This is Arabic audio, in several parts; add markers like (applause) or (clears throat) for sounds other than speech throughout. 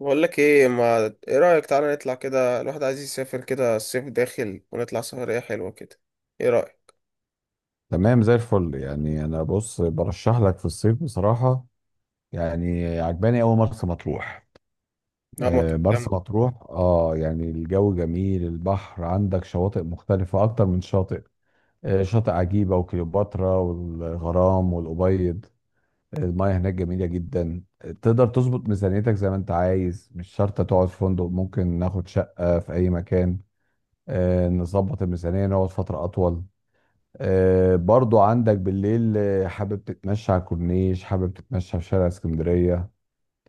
بقول لك ايه، ما ايه رأيك، تعالى نطلع كده. الواحد عايز يسافر كده، الصيف داخل، ونطلع سفرية حلوة كده. ايه رأيك؟ تمام، زي الفل. يعني انا بص برشح لك في الصيف بصراحه. يعني عجباني قوي مرسى مطروح. لا، مطروح مرسى جامدة. مطروح اه يعني الجو جميل، البحر عندك شواطئ مختلفه اكتر من شاطئ. شاطئ عجيبه وكليوباترا والغرام والابيض. المياه هناك جميله جدا. تقدر تظبط ميزانيتك زي ما انت عايز، مش شرط تقعد في فندق، ممكن ناخد شقه في اي مكان. نظبط الميزانيه نقعد فتره اطول. برضو عندك بالليل، حابب تتمشى على الكورنيش، حابب تتمشى في شارع اسكندرية.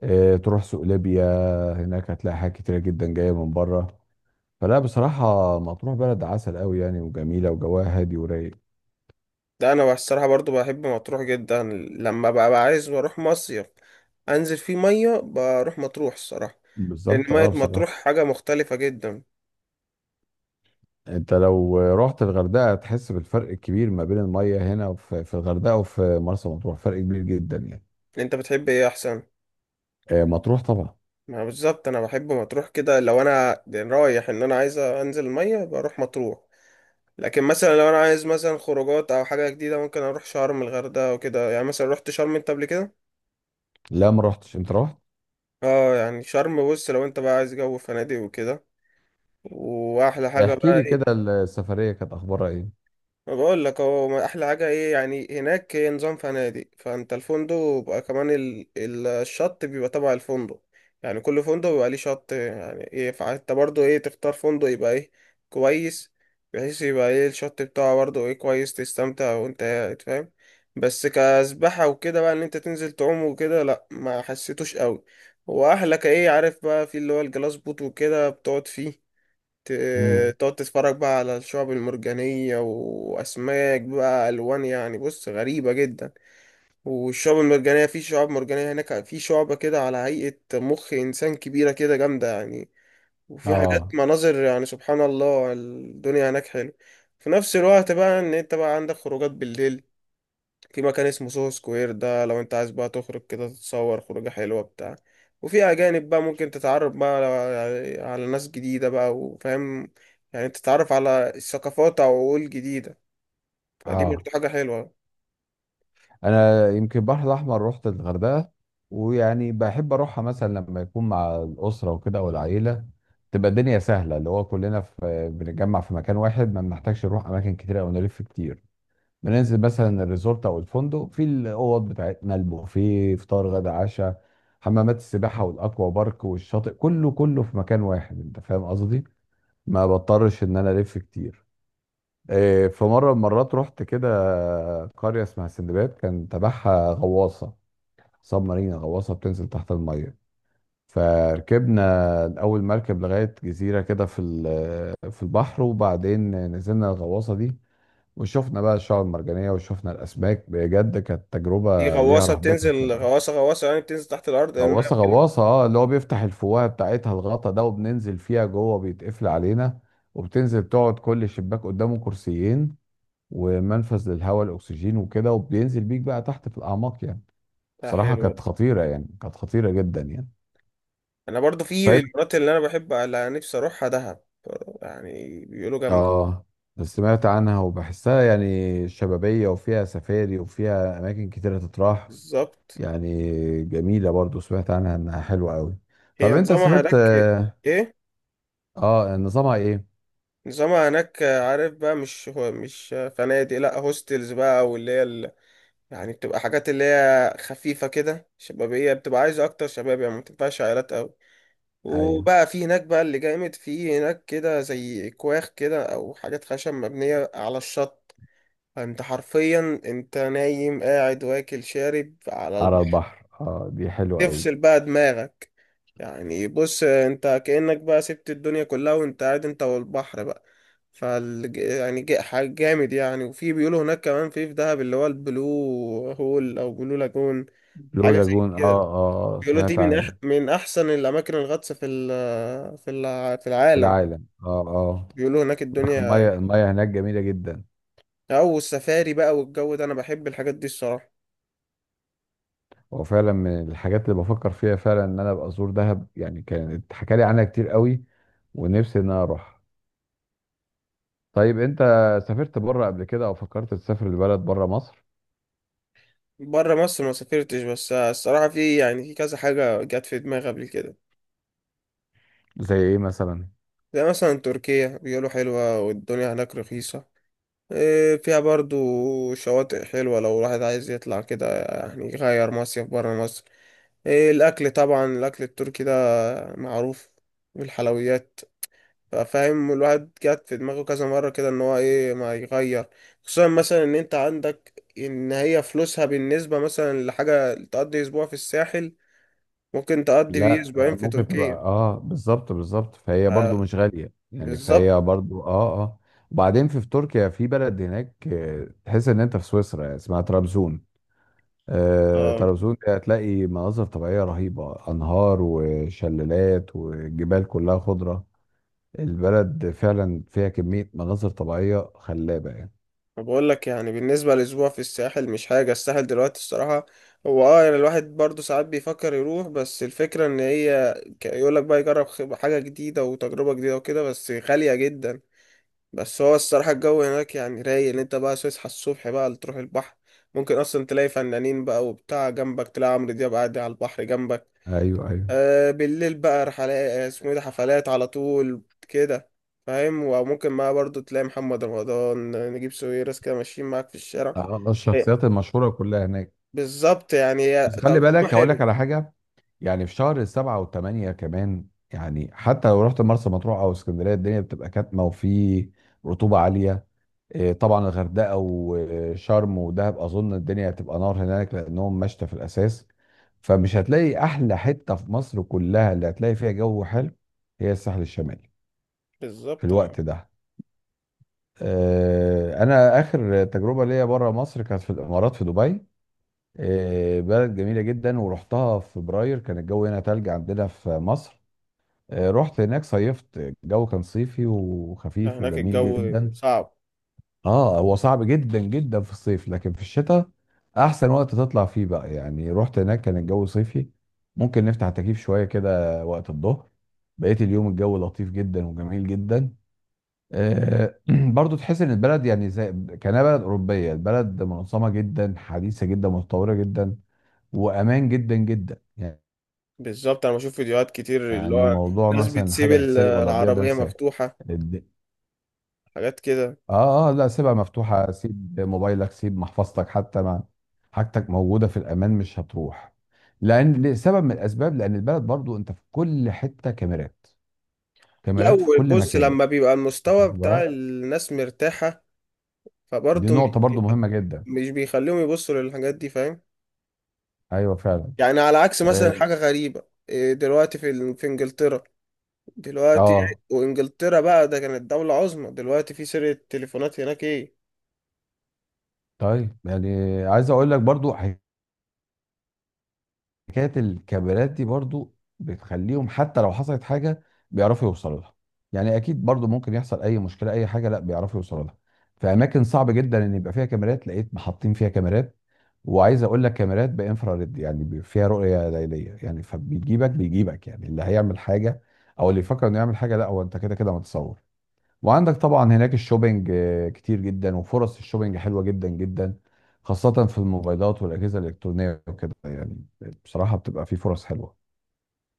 تروح سوق ليبيا. هناك هتلاقي حاجات كتيرة جدا جاية من بره. فلا بصراحة مطروح بلد عسل قوي يعني، وجميلة وجواها هادي ورايق. ده انا الصراحة برضو بحب مطروح جدا. لما بقى عايز بروح مصيف انزل فيه مية، بروح مطروح الصراحة. لان بالظبط مية اه مطروح بصراحة. حاجة مختلفة جدا. انت لو رحت الغردقة هتحس بالفرق الكبير ما بين المية هنا في الغردقة وفي مرسى مطروح، فرق كبير جدا يعني. انت بتحب ايه احسن؟ مطروح طبعا. ما بالظبط انا بحب مطروح. كده لو انا يعني رايح ان انا عايز انزل المية بروح مطروح. لكن مثلا لو انا عايز مثلا خروجات او حاجه جديده ممكن اروح شرم، الغردقه وكده. يعني مثلا رحت شرم انت قبل كده؟ لا ما رحتش، انت رحت. اه، يعني شرم بص لو انت بقى عايز جو فنادق وكده، واحلى حاجه احكي بقى لي كده ايه؟ السفرية كانت اخبارها ايه؟ ما بقول لك هو ما احلى حاجه ايه، يعني هناك هي نظام فنادق، فانت الفندق بيبقى كمان الشط بيبقى تبع الفندق. يعني كل فندق بيبقى ليه شط، يعني ايه، فانت برضو ايه، تختار فندق يبقى ايه، كويس، بحيث يبقى ايه الشط بتاعه برضو ايه، كويس تستمتع وانت قاعد فاهم. بس كسباحه وكده بقى ان انت تنزل تعوم وكده، لا ما حسيتوش قوي. واحلى كايه عارف بقى في اللي هو الجلاس بوت، وكده بتقعد فيه، مم. تقعد تتفرج بقى على الشعب المرجانية وأسماك بقى، ألوان يعني بص غريبة جدا. والشعب المرجانية، في شعاب مرجانية هناك، في شعبة كده على هيئة مخ إنسان كبيرة كده جامدة يعني. وفي حاجات اه مناظر يعني سبحان الله، الدنيا هناك حلو. في نفس الوقت بقى إن أنت بقى عندك خروجات بالليل. في مكان اسمه سوهو سكوير، ده لو انت عايز بقى تخرج كده تتصور خروجة حلوة بتاع. وفي أجانب بقى ممكن تتعرف بقى على على ناس جديدة بقى وفاهم. يعني تتعرف على الثقافات أو عقول جديدة، فدي اه. برضه حاجة حلوة. انا يمكن البحر الاحمر رحت الغردقه، ويعني بحب اروحها مثلا لما يكون مع الاسره وكده والعيله. تبقى الدنيا سهله، اللي هو كلنا في بنتجمع في مكان واحد، ما بنحتاجش نروح اماكن كتير او نلف كتير. بننزل مثلا الريزورت او الفندق، في الاوض بتاعتنا البوفيه، فطار غدا عشاء. حمامات السباحه والاكوا بارك والشاطئ، كله كله في مكان واحد، انت فاهم قصدي. ما بضطرش ان انا الف كتير. إيه، في مرة من المرات رحت كده، قرية اسمها سندباد كان تبعها غواصة. سب مارينا، غواصة بتنزل تحت المية. فركبنا أول مركب لغاية جزيرة كده في البحر، وبعدين نزلنا الغواصة دي، وشفنا بقى الشعاب المرجانية وشفنا الأسماك. بجد كانت دي تجربة ليها غواصة رهبتها بتنزل، كده. غواصة غواصة يعني بتنزل تحت الأرض المية، غواصة غواصة، اه اللي هو بيفتح الفوهة بتاعتها الغطا ده وبننزل فيها جوه، بيتقفل علينا. وبتنزل تقعد، كل شباك قدامه كرسيين، ومنفذ للهواء الاكسجين وكده، وبينزل بيك بقى تحت في الاعماق يعني. بتاعها بصراحه حلوة كانت دي. خطيره يعني، كانت خطيره جدا يعني. أنا برضه في طيب. المرات اللي أنا بحب اللي نفسي أروحها دهب، يعني بيقولوا جامدة. اه سمعت عنها وبحسها يعني شبابيه، وفيها سفاري، وفيها اماكن كتيره تتراح. بالظبط. يعني، جميله برضو، سمعت عنها انها حلوه قوي. هي طب انت نظامها سافرت؟ هناك. اه. إيه؟ نظامها ايه؟ نظامها هناك عارف بقى، مش هو مش فنادق، لا هوستلز بقى، او اللي هي ال... يعني بتبقى حاجات اللي هي خفيفة كده شبابية، بتبقى عايزة اكتر شباب، يعني ما بتنفعش عائلات قوي. ايوه. وبقى في هناك بقى اللي جامد في هناك كده زي كواخ كده او حاجات خشب مبنية على الشط. انت حرفيا انت نايم قاعد واكل شارب على على البحر. البحر، اه، دي حلوه قوي. تفصل بقى دماغك، يعني بص انت كأنك بقى سبت الدنيا كلها وانت قاعد انت والبحر بقى. فال يعني حاجة جامد يعني. وفي بيقولوا هناك كمان في دهب اللي هو البلو هول او بلو لاجون، بلو حاجة زي لاجون، اه. كده. اه، بيقولوا دي سمعت من أح عنه. من احسن الاماكن الغطس في في في العالم. العالم، اه اه. بيقولوا هناك الدنيا، الميه هناك جميله جدا. او السفاري بقى والجو ده، انا بحب الحاجات دي الصراحة. هو فعلا من الحاجات اللي بفكر فيها فعلا ان انا ابقى ازور دهب، يعني كانت حكالي عنها كتير قوي، ونفسي ان انا اروح. طيب انت، سافرت بره قبل كده او فكرت تسافر لبلد بره مصر؟ بره مصر ما سافرتش، بس الصراحة في يعني في كذا حاجة جت في دماغي قبل كده. زي ايه مثلا؟ زي مثلا تركيا، بيقولوا حلوة والدنيا هناك رخيصة. فيها برضو شواطئ حلوة لو الواحد عايز يطلع كده، يعني يغير مصيف برا مصر. الأكل طبعا، الأكل التركي ده معروف، والحلويات. فاهم، الواحد جات في دماغه كذا مرة كده إن هو إيه ما يغير، خصوصا مثلا إن أنت عندك إن هي فلوسها بالنسبة مثلا لحاجة تقضي أسبوع في الساحل ممكن تقضي بيه لا أسبوعين في ممكن تبقى، تركيا. اه، بالظبط بالظبط، فهي آه، برضو مش غالية يعني، بالظبط. فهي برضو اه اه. وبعدين في تركيا، في بلد هناك، تحس ان انت في سويسرا، اسمها طرابزون. آه، طرابزون دي هتلاقي مناظر طبيعية رهيبة، انهار وشلالات وجبال كلها خضرة. البلد فعلا فيها كمية مناظر طبيعية خلابة يعني. بقول لك يعني بالنسبة لأسبوع في الساحل، مش حاجة الساحل دلوقتي الصراحة. هو اه يعني الواحد برضه ساعات بيفكر يروح، بس الفكرة ان هي يقول لك بقى يجرب حاجة جديدة وتجربة جديدة وكده، بس غالية جدا. بس هو الصراحة الجو هناك يعني رايق، ان انت بقى تصحى الصبح بقى تروح البحر، ممكن اصلا تلاقي فنانين بقى وبتاع، جنبك تلاقي عمرو دياب قاعد على البحر جنبك. ايوه ايوه. آه بالليل بقى رحلات، اسمه ايه ده، حفلات على طول كده. فاهم، وممكن معاه برضو تلاقي محمد رمضان، نجيب ساويرس كده ماشيين معاك في الشارع. الشخصيات إيه. المشهورة كلها هناك. بالظبط، يعني هي بس خلي تجربة بالك هقول لك حلوة. على حاجة. يعني في شهر السبعة والثمانية كمان، يعني حتى لو رحت مرسى مطروح أو اسكندرية، الدنيا بتبقى كاتمة، وفي رطوبة عالية. طبعا الغردقة وشرم ودهب أظن الدنيا هتبقى نار هناك، لأنهم مشتى في الأساس. فمش هتلاقي أحلى حتة في مصر كلها اللي هتلاقي فيها جو حلو، هي الساحل الشمالي في بالظبط آه. الوقت ده. انا اخر تجربه ليا بره مصر كانت في الامارات، في دبي. بلد جميله جدا، ورحتها في فبراير، كان الجو هنا تلج عندنا في مصر. رحت هناك صيفت. الجو كان صيفي يعني وخفيف هناك وجميل الجو جدا. صعب. اه، هو صعب جدا جدا في الصيف، لكن في الشتاء احسن وقت تطلع فيه بقى. يعني رحت هناك كان الجو صيفي، ممكن نفتح التكييف شويه كده وقت الظهر، بقيت اليوم الجو لطيف جدا وجميل جدا. آه، (clears throat) برضو تحس ان البلد يعني زي كانها بلد اوروبيه، البلد منظمه جدا، حديثه جدا، متطوره جدا، وامان جدا جدا. بالظبط، انا بشوف فيديوهات كتير، اللي يعني هو موضوع ناس مثلا بتسيب حاجه تتسرق ولا تضيع ده العربية انساه. مفتوحة، الد- حاجات كده. اه اه، لا، سيبها مفتوحه، سيب موبايلك، سيب محفظتك، حتى ما، حاجتك موجوده في الامان مش هتروح. لان لسبب من الاسباب، لان البلد برضو انت في كل حته كاميرات، لا كاميرات في كل بص، مكان. لما بيبقى المستوى واخد بتاع بالك؟ الناس مرتاحة، دي فبرضه نقطه برضو مهمه جدا. مش بيخليهم يبصوا للحاجات دي فاهم. ايوه فعلا. يعني على عكس مثلا، اه حاجة غريبة إيه دلوقتي في في انجلترا دلوقتي. آه. وانجلترا بقى ده كانت دولة عظمى، دلوقتي في سرقة تليفونات هناك ايه. طيب، يعني عايز اقول لك برضو حكايه. الكاميرات دي برضو بتخليهم حتى لو حصلت حاجه بيعرفوا يوصلوا لها. يعني اكيد برضو ممكن يحصل اي مشكله اي حاجه، لا بيعرفوا يوصلوا لها. في اماكن صعب جدا ان يبقى فيها كاميرات لقيت محطين فيها كاميرات، وعايز اقول لك كاميرات بانفراريد يعني فيها رؤيه ليليه يعني، فبيجيبك بيجيبك يعني اللي هيعمل حاجه او اللي يفكر انه يعمل حاجه، لا هو انت كده كده متصور. وعندك طبعا هناك الشوبينج كتير جدا، وفرص الشوبينج حلوة جدا جدا، خاصة في الموبايلات والأجهزة الإلكترونية وكده يعني. بصراحة بتبقى في فرص حلوة.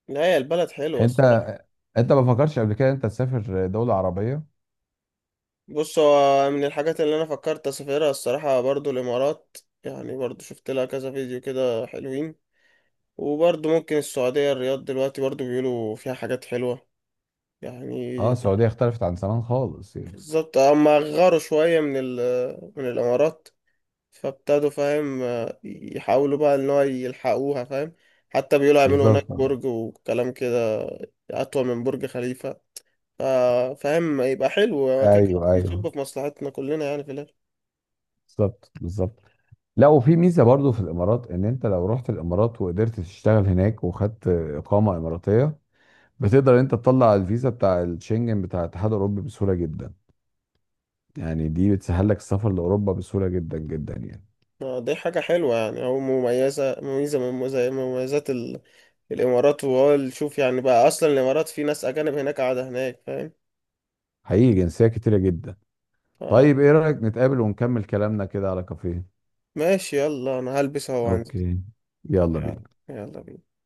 لا هي البلد حلوة انت الصراحة. انت ما فكرتش قبل كده انت تسافر دولة عربية؟ بص، هو من الحاجات اللي انا فكرت اسافرها الصراحة برضو الامارات. يعني برضو شفت لها كذا فيديو كده حلوين. وبرضو ممكن السعودية، الرياض دلوقتي برضو بيقولوا فيها حاجات حلوة يعني. اه، السعودية اختلفت عن زمان خالص يعني. بالظبط، اما غاروا شوية من من الامارات، فابتدوا فاهم يحاولوا بقى ان هو يلحقوها فاهم. حتى بيقولوا هيعملوا هناك بالظبط. برج وكلام كده، اطول من برج خليفة. فاهم، يبقى حلو هو كده كده ايوه ايوه. بيصب في مصلحتنا كلنا يعني في الاخر. بالظبط بالظبط. لا، وفي ميزة برضو في الإمارات، ان انت لو رحت الإمارات وقدرت تشتغل هناك وخدت إقامة إماراتية، بتقدر انت تطلع الفيزا بتاع الشنجن بتاع الاتحاد الأوروبي بسهولة جدا. يعني دي بتسهل لك السفر لاوروبا بسهوله جدا جدا يعني. آه، دي حاجة حلوة يعني، أو مميزة، مميزة من مميزات الإمارات. وهو شوف يعني بقى أصلا الإمارات في ناس أجانب هناك قاعدة هناك فاهم. حقيقي جنسيه كتيره جدا. ف- طيب، ايه رايك نتقابل ونكمل كلامنا كده على كافيه؟ ماشي، يلا أنا هلبس أهو وهنزل. اوكي. يلا يلا. بينا. يلا بينا.